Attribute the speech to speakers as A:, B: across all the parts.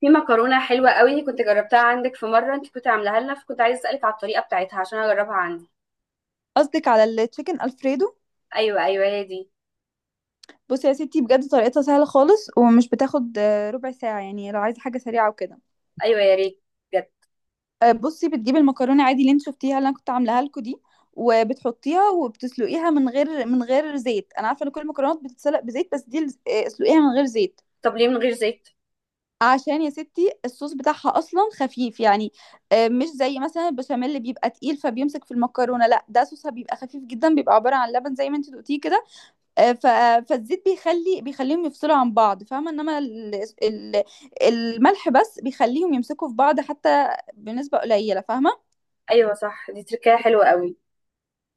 A: في مكرونه حلوه قوي كنت جربتها عندك في مره، انت كنت عاملاها لنا، فكنت عايزه اسالك على الطريقه بتاعتها عشان اجربها عندي.
B: قصدك على التشيكن الفريدو؟
A: ايوه ايوه هي دي.
B: بصي يا ستي، بجد طريقتها سهله خالص ومش بتاخد ربع ساعه، يعني لو عايزه حاجه سريعه وكده.
A: ايوه يا ريت. بجد.
B: بصي، بتجيبي المكرونه عادي اللي انت شفتيها اللي انا كنت عاملاها لكم دي. وبتحطيها وبتسلقيها من غير زيت. انا عارفه ان كل المكرونات بتتسلق بزيت بس دي اسلقيها من غير زيت.
A: طب ليه من غير زيت؟
B: عشان يا ستي الصوص بتاعها اصلا خفيف يعني. مش زي مثلا البشاميل اللي بيبقى تقيل فبيمسك في المكرونه، لا ده صوصها بيبقى خفيف جدا، بيبقى عباره عن لبن زي ما انت دقتيه كده. آه، ف... فالزيت بيخليهم يفصلوا عن بعض، فاهمة؟ انما ال... الملح بس بيخليهم يمسكوا في بعض حتى. بنسبة قليلة، فاهمة؟
A: ايوه صح، دي تركية حلوه قوي.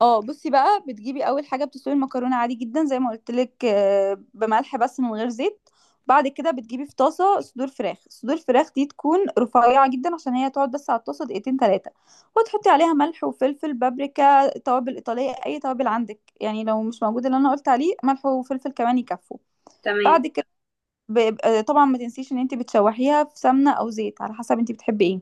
B: اه، بصي بقى، بتجيبي اول حاجة بتسلقي المكرونة عادي جدا زي ما قلت لك، بملح بس من غير زيت. بعد كده بتجيبي في طاسة صدور فراخ. صدور فراخ دي تكون رفيعة جدا عشان هي تقعد بس على الطاسة دقيقتين تلاتة. وتحطي عليها ملح وفلفل، بابريكا، توابل إيطالية، أي توابل عندك يعني. لو مش موجود اللي أنا قلت عليه، ملح وفلفل كمان يكفوا.
A: تمام.
B: بعد، طبعا ما تنسيش ان انت بتشوحيها في سمنة او زيت، على حسب انت بتحبي ايه.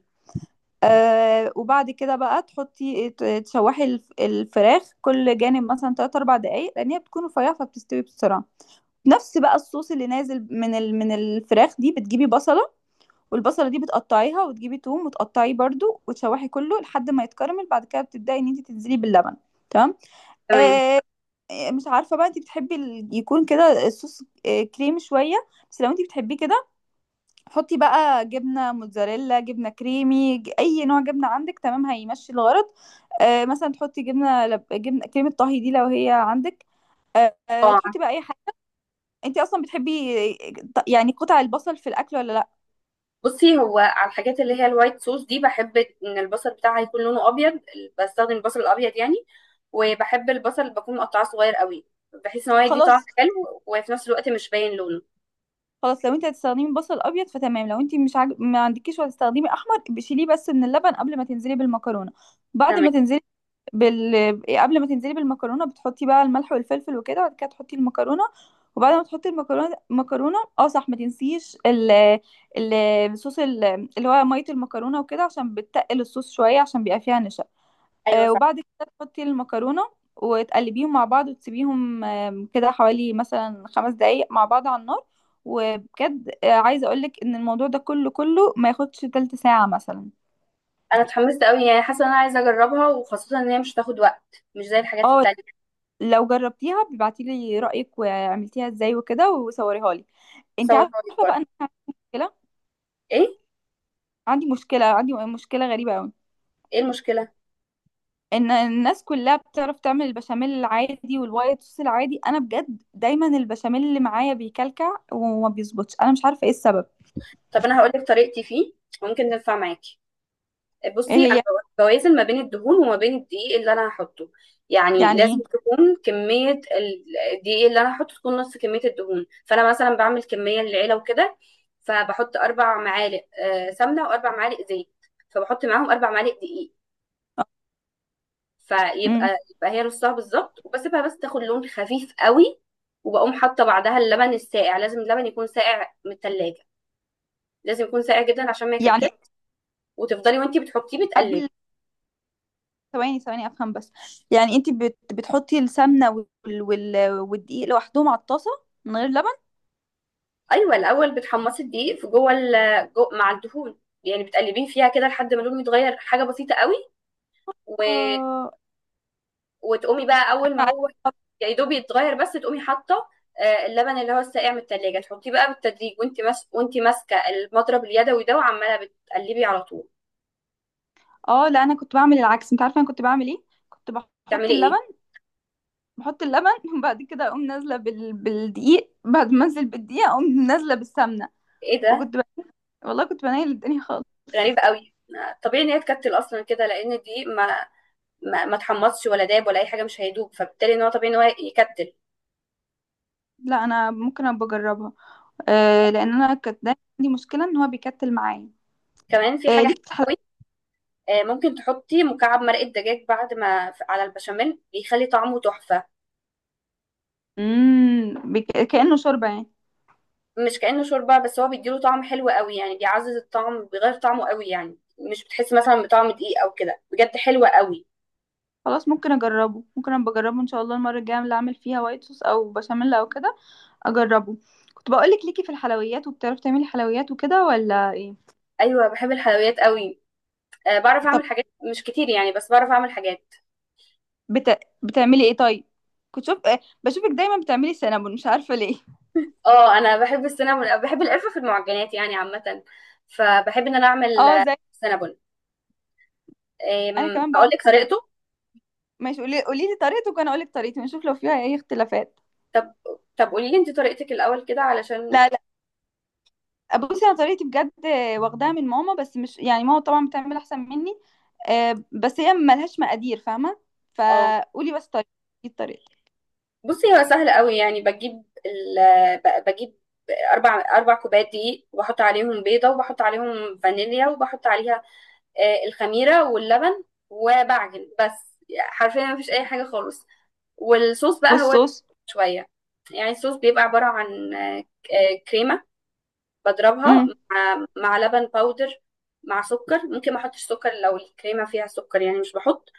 B: وبعد كده بقى تحطي، تشوحي الفراخ كل جانب مثلا 3 4 دقايق، لان هي بتكون رفيعه فبتستوي بسرعه. نفس بقى الصوص اللي نازل من الفراخ دي، بتجيبي بصله. والبصله دي بتقطعيها، وتجيبي توم وتقطعيه برضو، وتشوحي كله لحد ما يتكرمل. بعد كده بتبداي ان انت تنزلي باللبن. تمام.
A: تمام.
B: آه مش عارفه بقى انت بتحبي يكون كده الصوص كريمي شويه. بس لو انت بتحبيه كده، حطي بقى جبنة موتزاريلا، جبنة كريمي، أي نوع جبنة عندك. تمام، هيمشي الغرض. مثلا تحطي جبنة كريمة طهي دي لو هي عندك.
A: اه،
B: تحطي بقى أي حاجة. أنت أصلا بتحبي، يعني قطع البصل في الأكل ولا لأ؟
A: بصي، هو على الحاجات اللي هي الوايت صوص دي، بحب ان البصل بتاعها يكون لونه ابيض. بستخدم البصل الابيض يعني. وبحب البصل اللي بكون مقطعاه صغير قوي، بحيث ان هو يدي
B: خلاص.
A: طعم حلو وفي نفس الوقت مش باين لونه.
B: خلاص، لو أنت هتستخدمي بصل أبيض فتمام. لو أنت مش عاج... ما عندكيش وهتستخدمي أحمر، بشيليه بس من اللبن قبل ما تنزلي بالمكرونة. بعد
A: تمام.
B: ما تنزلي، قبل ما تنزلي بالمكرونه، بتحطي بقى الملح والفلفل وكده، وبعد كده تحطي المكرونه. وبعد ما تحطي المكرونه، اه صح، ما تنسيش ال... الصوص، اللي هو ميه المكرونه وكده، عشان بتقل الصوص شويه عشان بيبقى فيها نشا.
A: ايوه صح.
B: وبعد كده تحطي المكرونه. وتقلبيهم مع بعض وتسيبيهم كده حوالي مثلا 5 دقايق مع بعض على النار. وبجد عايزه اقولك ان الموضوع ده كله كله ما ياخدش تلت ساعه مثلا.
A: انا اتحمست قوي، يعني حاسه ان انا عايزه اجربها، وخاصه ان هي مش هتاخد وقت مش زي الحاجات
B: اه،
A: التانية.
B: لو جربتيها بيبعتي لي رأيك وعملتيها ازاي وكده وصوريها لي. انت
A: هصور صورك
B: عارفة بقى
A: برضه.
B: ان انا عندي مشكلة.
A: ايه؟
B: عندي مشكلة غريبة قوي.
A: ايه المشكله؟
B: ان الناس كلها بتعرف تعمل البشاميل العادي والوايت صوص العادي، انا بجد دايما البشاميل اللي معايا بيكلكع وما بيظبطش، انا مش عارفة ايه السبب.
A: طب انا هقول لك طريقتي فيه، ممكن تنفع معاكي.
B: ايه
A: بصي انا
B: هي؟
A: بوازن ما بين الدهون وما بين الدقيق اللي انا هحطه. يعني
B: يعني
A: لازم
B: ايه؟
A: تكون كميه الدقيق اللي انا هحطه تكون نص كميه الدهون. فانا مثلا بعمل كميه للعيله وكده، فبحط اربع معالق سمنه واربع معالق زيت، فبحط معاهم اربع معالق دقيق. فيبقى،
B: امم.
A: يبقى هي نصها بالظبط، وبسيبها بس تاخد لون خفيف قوي. وبقوم حاطه بعدها اللبن الساقع، لازم اللبن يكون ساقع من التلاجة، لازم يكون ساقع جدا عشان ما
B: يعني
A: يكتلش. وتفضلي وانتي بتحطيه بتقلبي.
B: قبل. ثواني ثواني افهم بس. يعني انت بتحطي السمنة والدقيق لوحدهم على الطاسة، من غير لبن؟
A: ايوه، الاول بتحمصي الدقيق في جوه جو مع الدهون، يعني بتقلبيه فيها كده لحد ما لونه يتغير حاجه بسيطه قوي. و...
B: آه،
A: وتقومي بقى اول ما هو يا دوب يتغير بس تقومي حاطه اللبن اللي هو الساقع من التلاجة، تحطيه بقى بالتدريج، وانتي ماسكه المضرب اليدوي ده وعماله بتقلبي على طول.
B: اه لا، انا كنت بعمل العكس. انت عارفه انا كنت بعمل ايه؟ كنت بحط
A: بتعملي ايه؟
B: اللبن. بحط اللبن وبعد كده اقوم نازله بالدقيق، بعد ما انزل بالدقيق اقوم نازله بالسمنه.
A: ايه ده؟
B: فكنت ب... والله كنت بنيل الدنيا خالص.
A: غريب قوي. طبيعي ان هي تكتل اصلا كده، لان دي ما ما اتحمصش ولا داب ولا اي حاجه، مش هيدوب، فبالتالي ان هو طبيعي ان هو يكتل.
B: لا، انا ممكن ابقى اجربها. لان انا كانت دايما عندي مشكله ان هو بيكتل معايا.
A: كمان في حاجه حلوه
B: ليك في الحلويات.
A: قوي. ممكن تحطي مكعب مرقه دجاج بعد ما على البشاميل، بيخلي طعمه تحفه.
B: امم بك... كانه شوربه يعني؟
A: مش كأنه شوربه، بس هو بيديله طعم حلو قوي، يعني بيعزز الطعم، بيغير طعمه قوي يعني. مش بتحسي مثلا بطعم دقيق او كده. بجد حلوه قوي.
B: خلاص، ممكن اجربه، ممكن ابقى اجربه ان شاء الله المره الجايه اللي اعمل فيها وايت صوص او بشاميل او كده. اجربه. كنت بقول لك، ليكي في الحلويات وبتعرفي تعملي حلويات وكده ولا ايه؟
A: ايوه بحب الحلويات قوي. بعرف اعمل حاجات، مش كتير يعني، بس بعرف اعمل حاجات.
B: بتعملي ايه طيب؟ كنت شوف، بشوفك دايما بتعملي سينابون، مش عارفه ليه.
A: اه انا بحب السينابون، بحب القرفه في المعجنات يعني عامه. فبحب ان انا اعمل
B: اه زي،
A: سينابون.
B: انا كمان
A: اقول
B: بعرف
A: لك
B: اعمل.
A: طريقته.
B: ماشي، قولي لي طريقتك وانا اقول لك طريقتي، ونشوف لو فيها اي اختلافات.
A: طب طب قولي لي انت طريقتك الاول كده علشان.
B: لا لا، بصي انا طريقتي بجد، واخداها من ماما، بس مش يعني، ماما طبعا بتعمل احسن مني. بس هي ملهاش مقادير، فاهمه.
A: اه
B: فقولي بس طريقتي. الطريقه.
A: بصي، هو سهل قوي. يعني بجيب بجيب اربع كوبايات دقيق، وبحط عليهم بيضه، وبحط عليهم فانيليا، وبحط عليها الخميره واللبن، وبعجن بس. حرفيا مفيش اي حاجه خالص. والصوص بقى هو
B: والصوص.
A: شويه، يعني الصوص بيبقى عباره عن كريمه بضربها
B: امم.
A: مع لبن باودر مع سكر. ممكن ما احطش سكر لو الكريمه فيها سكر، يعني مش بحط.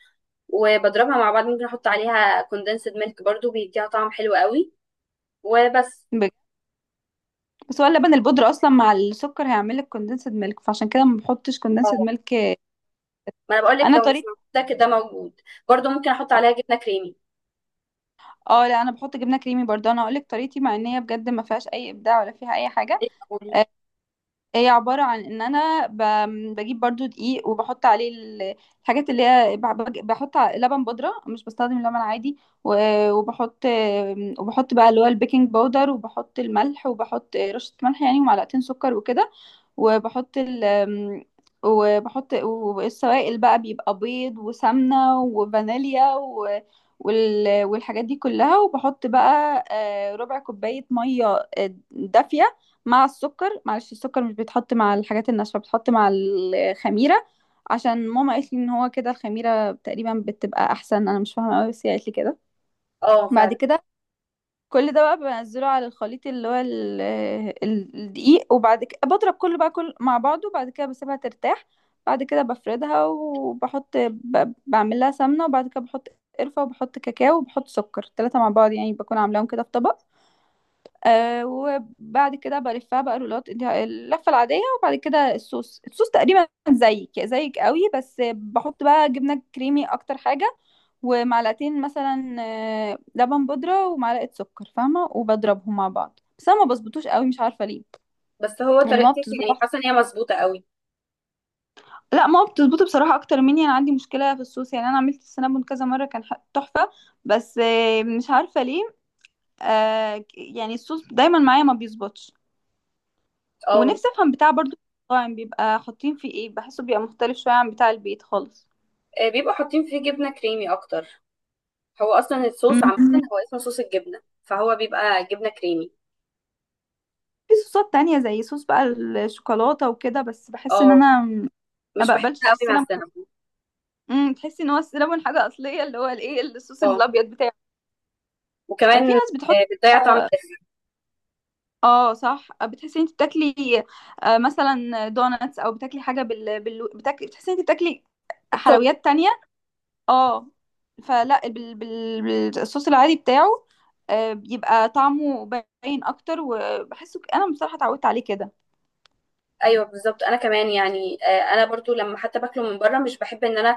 A: وبضربها مع بعض. ممكن احط عليها كوندنسد ميلك برضو، بيديها طعم حلو قوي. وبس.
B: بجد. بس هو اللبن البودرة اصلا مع السكر هيعمل لك كوندنسد ميلك، فعشان كده ما بحطش كوندنسد
A: اه،
B: ميلك.
A: ما انا بقول لك
B: انا
A: لو مش
B: طريقتي،
A: موجود ده، كده موجود. برضو ممكن احط عليها جبنه كريمي.
B: اه لا، انا بحط جبنه كريمي برضه. انا هقول لك طريقتي، مع ان هي بجد ما فيهاش اي ابداع ولا فيها اي حاجه.
A: إيه تقولي؟
B: آه هي عبارة عن ان انا بجيب برضو دقيق وبحط عليه الحاجات اللي هي بحط لبن بودرة، مش بستخدم لبن عادي. وبحط. وبحط بقى اللي هو البيكنج باودر، وبحط الملح، وبحط رشة ملح يعني، ومعلقتين سكر وكده. وبحط ال والسوائل بقى بيبقى بيض وسمنة وفانيليا والحاجات دي كلها، وبحط بقى ربع كوباية مية دافية، مع السكر. معلش، السكر مش بيتحط مع الحاجات الناشفة، بيتحط مع الخميرة، عشان ماما قالت لي ان هو كده الخميرة تقريبا بتبقى احسن. انا مش فاهمة قوي بس هي قالت لي كده.
A: اه
B: بعد
A: فعلا.
B: كده، كل ده بقى بنزله على الخليط اللي هو الدقيق. وبعد كده بضرب كله بقى كل مع بعضه. بعد كده بسيبها ترتاح. بعد كده بفردها وبحط، بعمل لها سمنة، وبعد كده بحط قرفة، وبحط كاكاو، وبحط سكر، التلاتة مع بعض يعني، بكون عاملاهم كده في طبق. وبعد كده بلفها بقى رولات، اللفه العاديه. وبعد كده الصوص، تقريبا زيك زيك قوي، بس بحط بقى جبنه كريمي اكتر حاجه. ومعلقتين مثلا لبن بودرة ومعلقة سكر، فاهمة، وبضربهم مع بعض. بس انا ما بظبطوش قوي، مش عارفة ليه.
A: بس هو
B: يعني ما
A: طريقتك،
B: بتظبط
A: يعني
B: أحسن.
A: حاسه ان هي مظبوطه قوي.
B: لا، ما بتظبط بصراحة اكتر مني، انا عندي مشكلة في الصوص. يعني انا عملت السنابون كذا مرة كان تحفة. بس مش عارفة ليه. يعني الصوص دايما معايا ما بيظبطش.
A: اه.
B: ونفسي افهم بتاع برضو المطاعم بيبقى حاطين فيه ايه، بحسه بيبقى مختلف شوية عن بتاع البيت خالص.
A: بيبقوا حاطين فيه جبنه كريمي اكتر. هو اصلا الصوص عامه،
B: مم.
A: هو اسمه صوص الجبنه، فهو بيبقى جبنه كريمي.
B: في صوصات تانية زي صوص بقى الشوكولاتة وكده، بس بحس ان
A: اه
B: انا ما
A: مش بحبها
B: بقبلش
A: قوي مع
B: السينامون.
A: السينابون.
B: تحسي ان هو السينامون حاجة اصلية اللي هو الايه الصوص
A: اه
B: الابيض بتاعه؟ في
A: وكمان
B: ناس بتحط،
A: بتضيع طعم الأكل.
B: اه صح، بتحسي ان انت بتاكلي مثلا دوناتس، او بتاكلي حاجة بتاكلي، بتحسي ان انت بتاكلي
A: التوبينج.
B: حلويات تانية. اه، فلا بال... بال... بالصوص العادي بتاعه، بيبقى طعمه باين اكتر، وبحسه انا بصراحه اتعودت عليه كده.
A: ايوه بالظبط، انا كمان يعني انا برضو لما حتى باكله من بره، مش بحب ان انا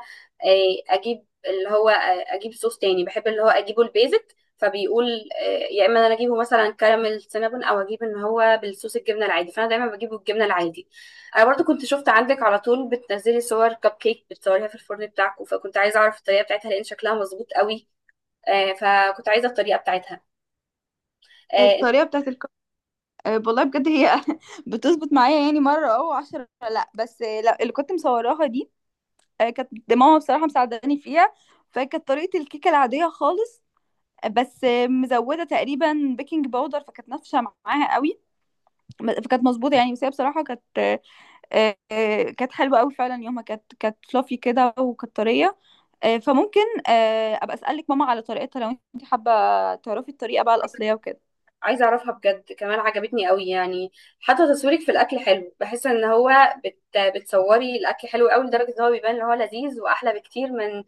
A: آه، اجيب اللي هو آه، اجيب صوص تاني. بحب اللي هو اجيبه البيزك، فبيقول آه، يا اما انا اجيبه مثلا كراميل سينابون، او اجيب ان هو بالصوص الجبنه العادي، فانا دايما بجيبه الجبنه العادي. انا برضو كنت شفت عندك على طول بتنزلي صور كب كيك بتصوريها في الفرن بتاعك، فكنت عايزه اعرف الطريقه بتاعتها، لان شكلها مظبوط قوي. فكنت عايزه الطريقه بتاعتها. آه،
B: الطريقه بتاعت والله بجد هي بتظبط معايا يعني مره او 10، لا بس لا، اللي كنت مصوراها دي، كانت ماما بصراحه مساعداني فيها. فكانت طريقه الكيكه العاديه خالص، بس مزوده تقريبا بيكنج باودر، فكانت نافشه معاها قوي. فكانت مظبوطه يعني، بس هي بصراحه كانت كانت حلوة قوي فعلا، يومها كانت فلافي كده وكانت طرية. فممكن ابقى اسألك ماما على طريقتها لو انت حابة تعرفي الطريقة بقى الأصلية وكده.
A: عايزة أعرفها بجد، كمان عجبتني قوي يعني. حتى تصويرك في الأكل حلو، بحس إن هو بت... بتصوري الأكل حلو قوي، لدرجة إن هو بيبان إن هو لذيذ وأحلى بكتير من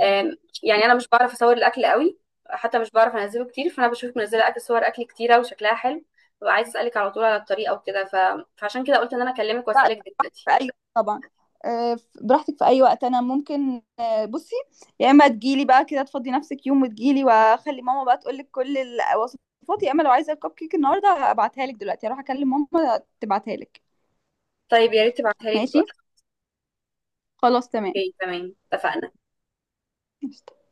A: آم،
B: لا
A: يعني أنا مش بعرف أصور الأكل قوي، حتى مش بعرف أنزله كتير. فأنا بشوفك منزلة أكل، صور أكل كتيرة وشكلها حلو، ببقى عايزة أسألك على طول على الطريقة وكده، فعشان كده قلت إن أنا أكلمك
B: لا،
A: وأسألك دلوقتي.
B: في اي، طبعا، براحتك في اي وقت. انا ممكن بصي، يا اما تجيلي بقى كده، تفضي نفسك يوم وتجيلي، واخلي ماما بقى تقولك كل الوصفات. يا اما لو عايزة الكب كيك النهاردة، ابعتها لك دلوقتي، هروح اكلم ماما تبعتها لك.
A: طيب يا ريت تبعتها لي
B: ماشي.
A: دلوقتي.
B: خلاص، تمام.
A: أوكي تمام، اتفقنا.
B: قشطة.